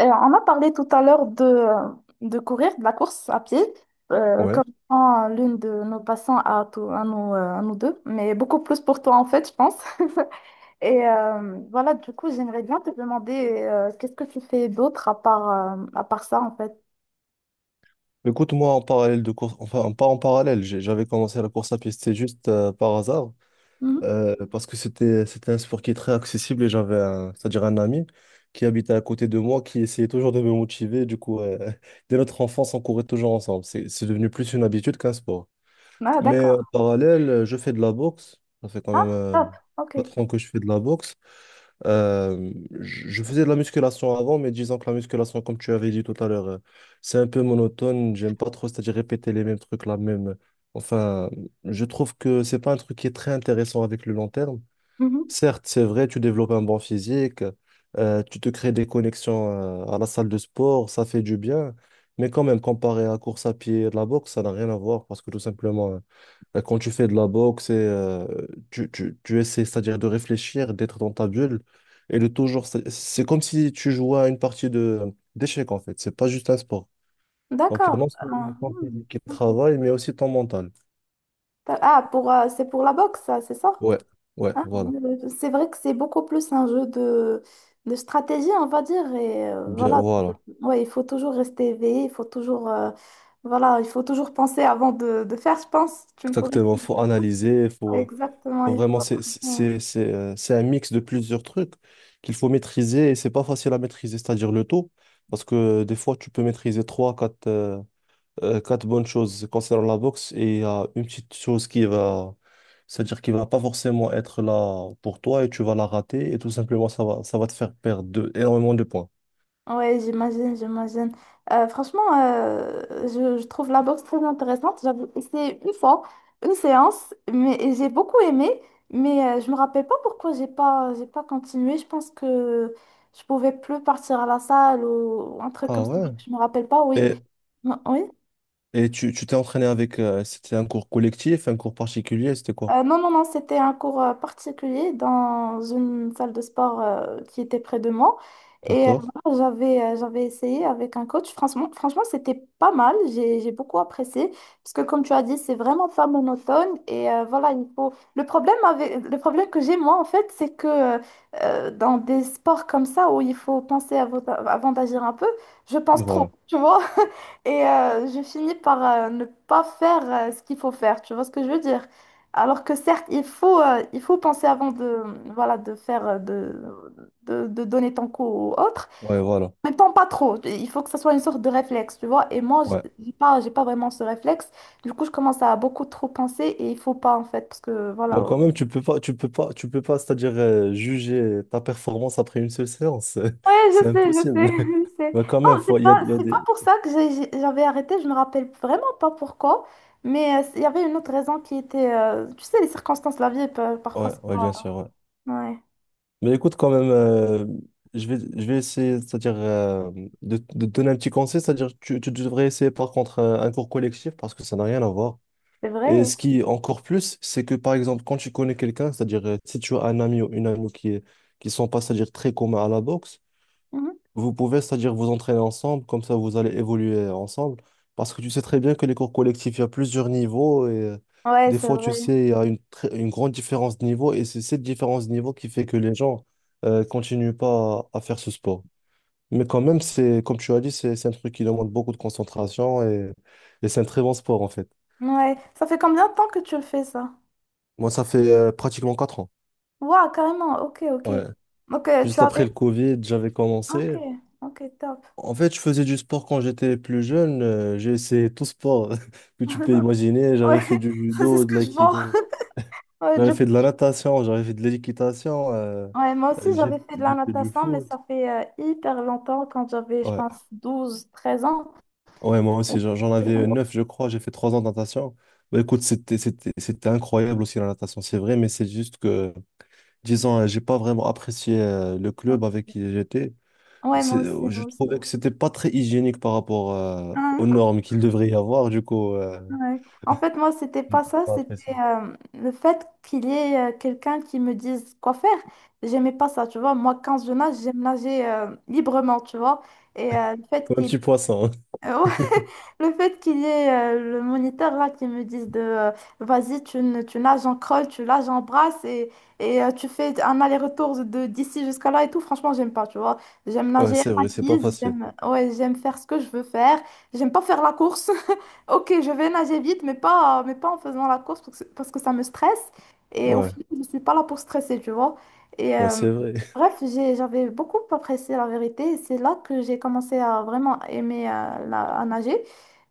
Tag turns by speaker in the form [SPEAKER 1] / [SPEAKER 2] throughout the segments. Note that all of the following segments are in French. [SPEAKER 1] On a parlé tout à l'heure de courir, de la course à pied,
[SPEAKER 2] Ouais.
[SPEAKER 1] comme l'une de nos passants à, à nous deux, mais beaucoup plus pour toi en fait, je pense. Et voilà, du coup, j'aimerais bien te demander qu'est-ce que tu fais d'autre à part ça en fait?
[SPEAKER 2] Écoute, moi, en parallèle de course, enfin, pas en parallèle, j'avais commencé la course à pied, c'était juste par hasard,
[SPEAKER 1] Mhm.
[SPEAKER 2] parce que c'était un sport qui est très accessible et j'avais un, c'est-à-dire un ami qui habitait à côté de moi, qui essayait toujours de me motiver. Du coup, dès notre enfance, on courait toujours ensemble. C'est devenu plus une habitude qu'un sport.
[SPEAKER 1] Ah,
[SPEAKER 2] Mais
[SPEAKER 1] d'accord.
[SPEAKER 2] en parallèle, je fais de la boxe. Ça fait quand
[SPEAKER 1] Ah,
[SPEAKER 2] même
[SPEAKER 1] top, ok.
[SPEAKER 2] pas trop ans que je fais de la boxe. Euh, je faisais de la musculation avant, mais disons que la musculation, comme tu avais dit tout à l'heure, c'est un peu monotone. J'aime pas trop, c'est-à-dire répéter les mêmes trucs, la même. Enfin, je trouve que c'est pas un truc qui est très intéressant avec le long terme.
[SPEAKER 1] Mhm.
[SPEAKER 2] Certes, c'est vrai, tu développes un bon physique, tu te crées des connexions, à la salle de sport, ça fait du bien. Mais quand même, comparé à la course à pied et de la boxe, ça n'a rien à voir parce que tout simplement, quand tu fais de la boxe, et, tu essaies, c'est-à-dire de réfléchir, d'être dans ta bulle et de toujours. C'est comme si tu jouais à une partie de d'échecs en fait. C'est pas juste un sport. Donc, il y a
[SPEAKER 1] D'accord.
[SPEAKER 2] non seulement
[SPEAKER 1] Ah,
[SPEAKER 2] ton
[SPEAKER 1] hmm,
[SPEAKER 2] physique qui
[SPEAKER 1] ok.
[SPEAKER 2] travaille, mais aussi ton mental.
[SPEAKER 1] Ah, pour, c'est pour la boxe, ça, c'est ça?
[SPEAKER 2] Ouais, ouais,
[SPEAKER 1] Ah,
[SPEAKER 2] voilà.
[SPEAKER 1] c'est vrai que c'est beaucoup plus un jeu de stratégie, on va dire. Et
[SPEAKER 2] Bien,
[SPEAKER 1] voilà,
[SPEAKER 2] voilà.
[SPEAKER 1] ouais, il faut toujours rester éveillé, il faut toujours, voilà, il faut toujours penser avant de faire, je pense. Tu me corriges
[SPEAKER 2] Exactement.
[SPEAKER 1] si
[SPEAKER 2] Faut
[SPEAKER 1] je me trompe.
[SPEAKER 2] analyser, faut,
[SPEAKER 1] Exactement,
[SPEAKER 2] faut
[SPEAKER 1] il faut.
[SPEAKER 2] vraiment. C'est c'est-
[SPEAKER 1] Ouais.
[SPEAKER 2] c'est- c'est, euh, c'est un mix de plusieurs trucs qu'il faut maîtriser et c'est pas facile à maîtriser, c'est-à-dire le tout. Parce que des fois, tu peux maîtriser trois, quatre. Quatre bonnes choses concernant la boxe et il y a une petite chose qui va, c'est-à-dire qui va pas forcément être là pour toi et tu vas la rater et tout simplement ça va te faire perdre énormément de points.
[SPEAKER 1] Ouais, j'imagine, j'imagine. Franchement, je trouve la boxe très intéressante. J'avais essayé une fois, une séance, mais et j'ai beaucoup aimé, mais je me rappelle pas pourquoi j'ai pas continué. Je pense que je pouvais plus partir à la salle ou un truc comme
[SPEAKER 2] Ah
[SPEAKER 1] ça.
[SPEAKER 2] ouais.
[SPEAKER 1] Je me rappelle pas, oui.
[SPEAKER 2] Et,
[SPEAKER 1] Oui.
[SPEAKER 2] et tu t'es entraîné avec, c'était un cours collectif, un cours particulier, c'était quoi?
[SPEAKER 1] Non, non, non, c'était un cours particulier dans une salle de sport qui était près de moi. Et
[SPEAKER 2] D'accord?
[SPEAKER 1] voilà, j'avais essayé avec un coach. Franchement, franchement, c'était pas mal. J'ai beaucoup apprécié. Parce que comme tu as dit, c'est vraiment pas monotone. Et voilà, il faut... Le problème avec... Le problème que j'ai, moi, en fait, c'est que dans des sports comme ça, où il faut penser avant d'agir un peu, je pense trop,
[SPEAKER 2] Voilà.
[SPEAKER 1] tu vois? Et je finis par ne pas faire ce qu'il faut faire. Tu vois ce que je veux dire? Alors que certes, il faut penser avant de, voilà, de faire, de donner ton coup aux autres.
[SPEAKER 2] Ouais, voilà.
[SPEAKER 1] En même temps, pas trop. Il faut que ça soit une sorte de réflexe, tu vois. Et moi,
[SPEAKER 2] Ouais.
[SPEAKER 1] j'ai pas vraiment ce réflexe. Du coup, je commence à beaucoup trop penser et il faut pas, en fait, parce que, voilà.
[SPEAKER 2] Bah, quand même, tu peux pas, c'est-à-dire juger ta performance après une seule séance.
[SPEAKER 1] Ouais,
[SPEAKER 2] C'est
[SPEAKER 1] je sais,
[SPEAKER 2] impossible.
[SPEAKER 1] je sais.
[SPEAKER 2] Bah, quand même,
[SPEAKER 1] Non,
[SPEAKER 2] il y a, il y a
[SPEAKER 1] c'est
[SPEAKER 2] des.
[SPEAKER 1] pas pour ça que j'avais arrêté. Je me rappelle vraiment pas pourquoi. Mais il y avait une autre raison qui était, tu sais, les circonstances de la vie, parfois,
[SPEAKER 2] Ouais,
[SPEAKER 1] c'est
[SPEAKER 2] ouais, bien
[SPEAKER 1] pas...
[SPEAKER 2] sûr. Ouais.
[SPEAKER 1] Ouais,
[SPEAKER 2] Mais écoute, quand même, je vais essayer, c'est-à-dire de te donner un petit conseil, c'est-à-dire tu devrais essayer par contre un cours collectif parce que ça n'a rien à voir.
[SPEAKER 1] c'est
[SPEAKER 2] Et
[SPEAKER 1] vrai.
[SPEAKER 2] ce qui est encore plus, c'est que par exemple, quand tu connais quelqu'un, c'est-à-dire si tu as un ami ou une amie qui est, qui sont pas, c'est-à-dire très communs à la boxe.
[SPEAKER 1] Mhm.
[SPEAKER 2] Vous pouvez, c'est-à-dire vous entraîner ensemble, comme ça vous allez évoluer ensemble. Parce que tu sais très bien que les cours collectifs, il y a plusieurs niveaux et
[SPEAKER 1] Ouais,
[SPEAKER 2] des
[SPEAKER 1] c'est
[SPEAKER 2] fois, tu
[SPEAKER 1] vrai.
[SPEAKER 2] sais, il y a une grande différence de niveau et c'est cette différence de niveau qui fait que les gens continuent pas à, faire ce sport. Mais quand même, c'est, comme tu as dit, c'est un truc qui demande beaucoup de concentration et c'est un très bon sport en fait.
[SPEAKER 1] Ouais, ça fait combien de temps que tu le fais ça?
[SPEAKER 2] Moi, ça fait pratiquement 4 ans.
[SPEAKER 1] Waouh, carrément, ok, ok.
[SPEAKER 2] Ouais.
[SPEAKER 1] Ok. Tu
[SPEAKER 2] Juste après
[SPEAKER 1] avais...
[SPEAKER 2] le Covid, j'avais
[SPEAKER 1] Ok,
[SPEAKER 2] commencé.
[SPEAKER 1] ok, top.
[SPEAKER 2] En fait, je faisais du sport quand j'étais plus jeune. J'ai essayé tout sport que tu peux imaginer.
[SPEAKER 1] Ouais,
[SPEAKER 2] J'avais fait du
[SPEAKER 1] ça, c'est
[SPEAKER 2] judo,
[SPEAKER 1] ce
[SPEAKER 2] de
[SPEAKER 1] que je vois.
[SPEAKER 2] l'aïkido.
[SPEAKER 1] Ouais,
[SPEAKER 2] J'avais fait de la natation, j'avais fait de l'équitation.
[SPEAKER 1] ouais, moi aussi,
[SPEAKER 2] Euh, j'ai
[SPEAKER 1] j'avais fait de la
[SPEAKER 2] j'ai fait du
[SPEAKER 1] natation, mais
[SPEAKER 2] foot.
[SPEAKER 1] ça fait hyper longtemps, quand j'avais, je
[SPEAKER 2] Ouais,
[SPEAKER 1] pense, douze, treize ans.
[SPEAKER 2] ouais, moi aussi, j'en avais 9, je crois. J'ai fait 3 ans de natation. Bah, écoute, c'était incroyable aussi la natation, c'est vrai, mais c'est juste que, disons, j'ai pas vraiment apprécié le club avec qui j'étais.
[SPEAKER 1] Ouais,
[SPEAKER 2] C'est-
[SPEAKER 1] moi aussi,
[SPEAKER 2] euh, Je
[SPEAKER 1] moi aussi.
[SPEAKER 2] trouvais que c'était pas très hygiénique par rapport aux normes qu'il devrait y avoir. Du coup, euh,
[SPEAKER 1] Ouais. En fait, moi, c'était
[SPEAKER 2] J'ai
[SPEAKER 1] pas ça,
[SPEAKER 2] pas
[SPEAKER 1] c'était
[SPEAKER 2] apprécié.
[SPEAKER 1] le fait qu'il y ait quelqu'un qui me dise quoi faire. J'aimais pas ça, tu vois. Moi, quand je nage, j'aime nager librement, tu vois. Et le fait
[SPEAKER 2] Comme un
[SPEAKER 1] qu'il...
[SPEAKER 2] petit poisson. Hein.
[SPEAKER 1] Le fait qu'il y ait le moniteur là qui me dise de vas-y, tu, tu nages en crawl, tu nages en brasse et tu fais un aller-retour de d'ici jusqu'à là et tout, franchement, j'aime pas, tu vois. J'aime
[SPEAKER 2] Ouais,
[SPEAKER 1] nager à
[SPEAKER 2] c'est
[SPEAKER 1] ma
[SPEAKER 2] vrai, c'est pas
[SPEAKER 1] guise,
[SPEAKER 2] facile.
[SPEAKER 1] j'aime ouais, j'aime faire ce que je veux faire, j'aime pas faire la course. Ok, je vais nager vite, mais pas en faisant la course parce que ça me stresse et au
[SPEAKER 2] Ouais,
[SPEAKER 1] final, je suis pas là pour stresser, tu vois. Et
[SPEAKER 2] ouais, c'est vrai.
[SPEAKER 1] bref, j'avais beaucoup apprécié la vérité et c'est là que j'ai commencé à vraiment aimer à nager.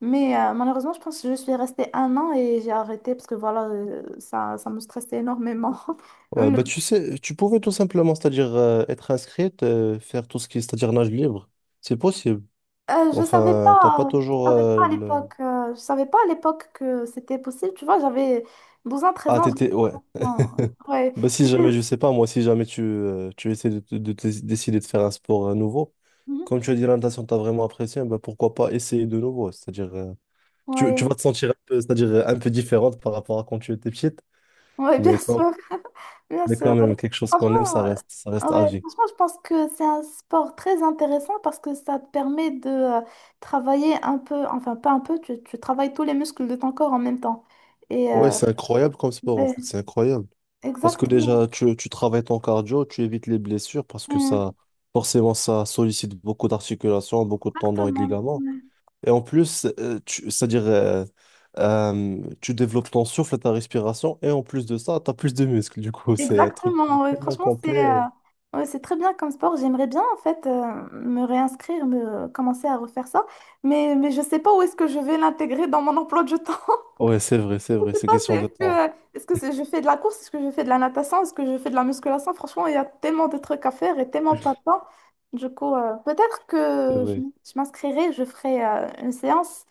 [SPEAKER 1] Mais malheureusement, je pense que je suis restée un an et j'ai arrêté parce que voilà, ça, ça me stressait énormément.
[SPEAKER 2] Ouais, bah tu sais, tu pouvais tout simplement, c'est-à-dire être inscrite, faire tout ce qui est, c'est-à-dire nage libre. C'est possible.
[SPEAKER 1] Je savais
[SPEAKER 2] Enfin, t'as pas
[SPEAKER 1] pas, je
[SPEAKER 2] toujours
[SPEAKER 1] savais pas à l'époque, je savais pas à l'époque que c'était possible. Tu vois, j'avais 12 ans, treize
[SPEAKER 2] Ah,
[SPEAKER 1] ans. J'étais
[SPEAKER 2] t'étais.
[SPEAKER 1] pas
[SPEAKER 2] Ouais.
[SPEAKER 1] vraiment- Ouais,
[SPEAKER 2] Bah si
[SPEAKER 1] j'étais.
[SPEAKER 2] jamais, je sais pas, moi, si jamais tu essaies décider de faire un sport nouveau,
[SPEAKER 1] Mhm.
[SPEAKER 2] comme tu as dit, la natation, t'as vraiment apprécié, bah pourquoi pas essayer de nouveau. C'est-à-dire, tu
[SPEAKER 1] Ouais.
[SPEAKER 2] vas te sentir un peu, c'est-à-dire un peu différente par rapport à quand tu étais petite,
[SPEAKER 1] Ouais, bien
[SPEAKER 2] mais quand
[SPEAKER 1] sûr. Bien
[SPEAKER 2] Mais
[SPEAKER 1] sûr,
[SPEAKER 2] quand
[SPEAKER 1] ouais.
[SPEAKER 2] même, quelque chose qu'on aime, ça
[SPEAKER 1] Franchement,
[SPEAKER 2] reste, ça reste à
[SPEAKER 1] ouais,
[SPEAKER 2] vie.
[SPEAKER 1] franchement, je pense que c'est un sport très intéressant parce que ça te permet de travailler un peu, enfin pas un peu, tu travailles tous les muscles de ton corps en même temps. Et
[SPEAKER 2] Ouais, c'est incroyable comme sport, en
[SPEAKER 1] ouais,
[SPEAKER 2] fait. C'est incroyable. Parce que
[SPEAKER 1] exactement.
[SPEAKER 2] déjà, tu travailles ton cardio, tu évites les blessures parce que
[SPEAKER 1] Mm,
[SPEAKER 2] ça, forcément, ça sollicite beaucoup d'articulations, beaucoup de tendons et de
[SPEAKER 1] exactement.
[SPEAKER 2] ligaments.
[SPEAKER 1] Ouais.
[SPEAKER 2] Et en plus, c'est-à-dire, tu développes ton souffle, ta respiration, et en plus de ça, tu as plus de muscles. Du coup, c'est un truc
[SPEAKER 1] Exactement, ouais.
[SPEAKER 2] tellement
[SPEAKER 1] Franchement, c'est
[SPEAKER 2] complet.
[SPEAKER 1] ouais, c'est très bien comme sport. J'aimerais bien en fait me réinscrire, me commencer à refaire ça, mais je sais pas où est-ce que je vais l'intégrer dans mon emploi du temps.
[SPEAKER 2] Ouais, c'est vrai, c'est
[SPEAKER 1] Je
[SPEAKER 2] vrai,
[SPEAKER 1] sais
[SPEAKER 2] c'est
[SPEAKER 1] pas, c'est,
[SPEAKER 2] question de temps.
[SPEAKER 1] est-ce que je fais de la course, est-ce que je fais de la natation, est-ce que je fais de la musculation? Franchement, il y a tellement de trucs à faire et tellement pas de temps. Du coup, peut-être
[SPEAKER 2] C'est
[SPEAKER 1] que
[SPEAKER 2] vrai.
[SPEAKER 1] je m'inscrirai, je ferai une séance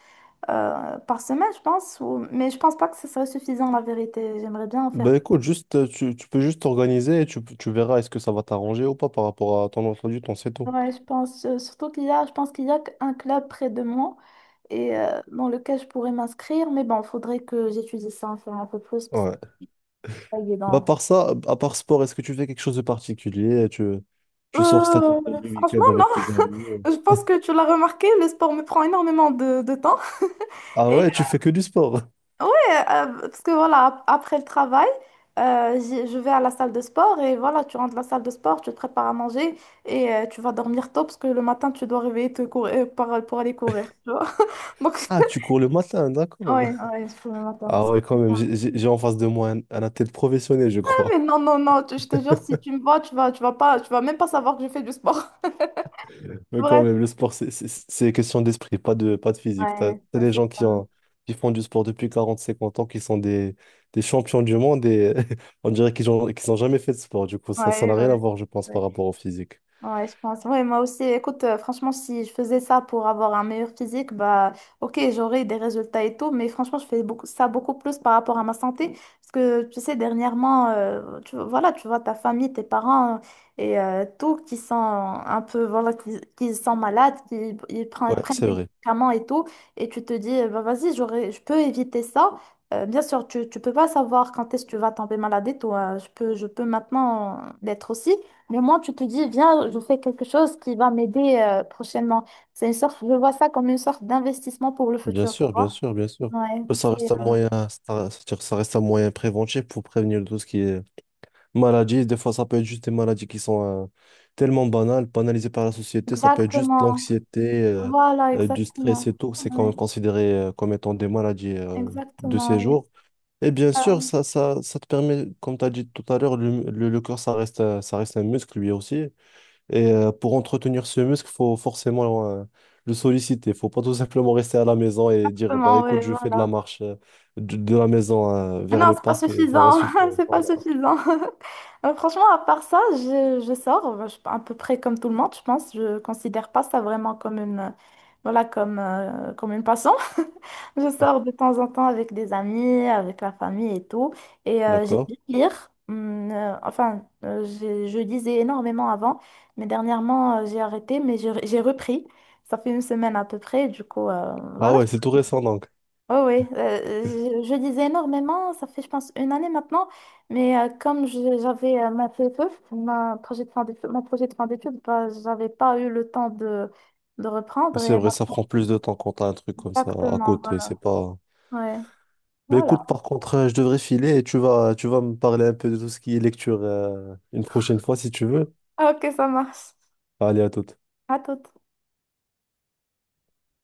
[SPEAKER 1] par semaine, je pense, ou- mais je pense pas que ce serait suffisant, la vérité. J'aimerais bien en faire.
[SPEAKER 2] Bah écoute, juste, tu peux juste t'organiser et tu verras est-ce que ça va t'arranger ou pas par rapport à ton emploi du temps, c'est tout.
[SPEAKER 1] Ouais, je pense, surtout qu'il y a, je pense qu'il y a un club près de moi et dans lequel je pourrais m'inscrire, mais bon, faudrait que j'étudie ça, en faire un peu plus parce
[SPEAKER 2] Ouais.
[SPEAKER 1] que c'est pas
[SPEAKER 2] Bah, à
[SPEAKER 1] évident.
[SPEAKER 2] part ça, à part sport, est-ce que tu fais quelque chose de particulier? Tu sors, c'est-à-dire
[SPEAKER 1] Euh,
[SPEAKER 2] le
[SPEAKER 1] franchement,
[SPEAKER 2] week-end avec tes amis?
[SPEAKER 1] je pense que tu l'as remarqué, le sport me prend énormément de temps.
[SPEAKER 2] Ah
[SPEAKER 1] Et
[SPEAKER 2] ouais, tu fais que du sport.
[SPEAKER 1] ouais, parce que voilà, après le travail, je vais à la salle de sport et voilà, tu rentres de la salle de sport, tu te prépares à manger et tu vas dormir tôt parce que le matin, tu dois réveiller te courir, pour aller courir, tu vois. Donc,
[SPEAKER 2] Ah, tu cours le matin, d'accord.
[SPEAKER 1] ouais, ouais, je fais le matin.
[SPEAKER 2] Ah ouais, quand même, j'ai en face de moi un athlète professionnel, je
[SPEAKER 1] Ah, mais
[SPEAKER 2] crois.
[SPEAKER 1] non, non, non, je te jure, si tu me vois, tu vas pas, tu vas même pas savoir que je fais du sport.
[SPEAKER 2] Mais quand
[SPEAKER 1] Bref.
[SPEAKER 2] même, le sport, c'est question d'esprit, pas de, pas de physique. T'as,
[SPEAKER 1] Ouais,
[SPEAKER 2] t'as
[SPEAKER 1] ouais,
[SPEAKER 2] des
[SPEAKER 1] c'est
[SPEAKER 2] gens
[SPEAKER 1] ça.
[SPEAKER 2] qui, qui font du sport depuis 40 50 ans, qui sont des champions du monde et on dirait qu'ils n'ont jamais fait de sport. Du coup, ça,
[SPEAKER 1] Ouais,
[SPEAKER 2] n'a
[SPEAKER 1] ouais,
[SPEAKER 2] rien à voir, je pense, par
[SPEAKER 1] ouais.
[SPEAKER 2] rapport au physique.
[SPEAKER 1] Ouais, je pense. Ouais, moi aussi. Écoute, franchement, si je faisais ça pour avoir un meilleur physique, bah, ok, j'aurais des résultats et tout, mais franchement, je fais beaucoup, ça beaucoup plus par rapport à ma santé. Parce que, tu sais, dernièrement, voilà, tu vois ta famille, tes parents et tout qui sont un peu, voilà, qui sont malades, qui ils
[SPEAKER 2] Ouais,
[SPEAKER 1] prennent, prennent
[SPEAKER 2] c'est
[SPEAKER 1] des
[SPEAKER 2] vrai.
[SPEAKER 1] médicaments et tout, et tu te dis, eh ben, vas-y, j'aurais, je peux éviter ça. Bien sûr, tu peux pas savoir quand est-ce que tu vas tomber malade et tout, hein. Je peux maintenant l'être aussi. Le moment, tu te dis, viens, je fais quelque chose qui va m'aider prochainement. C'est une sorte, je vois ça comme une sorte d'investissement pour le
[SPEAKER 2] Bien
[SPEAKER 1] futur, tu
[SPEAKER 2] sûr, bien
[SPEAKER 1] vois.
[SPEAKER 2] sûr, bien sûr.
[SPEAKER 1] Ouais,
[SPEAKER 2] Ça
[SPEAKER 1] c'est
[SPEAKER 2] reste un moyen, ça, c'est-à-dire que ça reste un moyen préventif pour prévenir tout ce qui est maladies, des fois, ça peut être juste des maladies qui sont tellement banales, banalisées par la société. Ça peut être juste
[SPEAKER 1] exactement.
[SPEAKER 2] l'anxiété,
[SPEAKER 1] Voilà,
[SPEAKER 2] du stress et
[SPEAKER 1] exactement.
[SPEAKER 2] tout. C'est quand
[SPEAKER 1] Ouais,
[SPEAKER 2] même considéré comme étant des maladies de
[SPEAKER 1] exactement.
[SPEAKER 2] ces
[SPEAKER 1] Ouais.
[SPEAKER 2] jours. Et bien
[SPEAKER 1] Ah,
[SPEAKER 2] sûr, ça te permet, comme tu as dit tout à l'heure, le corps, ça reste, ça reste un muscle lui aussi. Et pour entretenir ce muscle, faut forcément le solliciter. Faut pas tout simplement rester à la maison et dire, bah,
[SPEAKER 1] exactement,
[SPEAKER 2] écoute,
[SPEAKER 1] ouais,
[SPEAKER 2] je fais de la
[SPEAKER 1] voilà.
[SPEAKER 2] marche de la maison
[SPEAKER 1] Mais
[SPEAKER 2] vers
[SPEAKER 1] non,
[SPEAKER 2] le
[SPEAKER 1] c'est pas
[SPEAKER 2] parc et ça va
[SPEAKER 1] suffisant.
[SPEAKER 2] suffire.
[SPEAKER 1] C'est pas
[SPEAKER 2] Voilà.
[SPEAKER 1] suffisant. Franchement, à part ça, je sors à peu près comme tout le monde, je pense. Je considère pas ça vraiment comme une, voilà, comme, comme une passion. Je sors de temps en temps avec des amis, avec la famille et tout. Et j'aime
[SPEAKER 2] D'accord.
[SPEAKER 1] bien lire. Je lisais énormément avant, mais dernièrement, j'ai arrêté, mais j'ai repris. Ça fait une semaine à peu près. Du coup,
[SPEAKER 2] Ah
[SPEAKER 1] voilà,
[SPEAKER 2] ouais, c'est tout récent donc.
[SPEAKER 1] oh oui, je lisais énormément, ça fait je pense une année maintenant, mais j'avais ma PFF, ma projet de fin d'études, mon projet de fin d'études, bah, j'avais pas eu le temps de reprendre
[SPEAKER 2] C'est vrai, ça prend plus de temps quand t'as un truc comme ça à
[SPEAKER 1] exactement,
[SPEAKER 2] côté, c'est
[SPEAKER 1] voilà.
[SPEAKER 2] pas.
[SPEAKER 1] Ouais,
[SPEAKER 2] Mais
[SPEAKER 1] voilà.
[SPEAKER 2] écoute, par contre, je devrais filer et tu vas me parler un peu de tout ce qui est lecture une prochaine fois si tu veux.
[SPEAKER 1] Ah, ok, ça marche.
[SPEAKER 2] Allez, à toute.
[SPEAKER 1] À tout.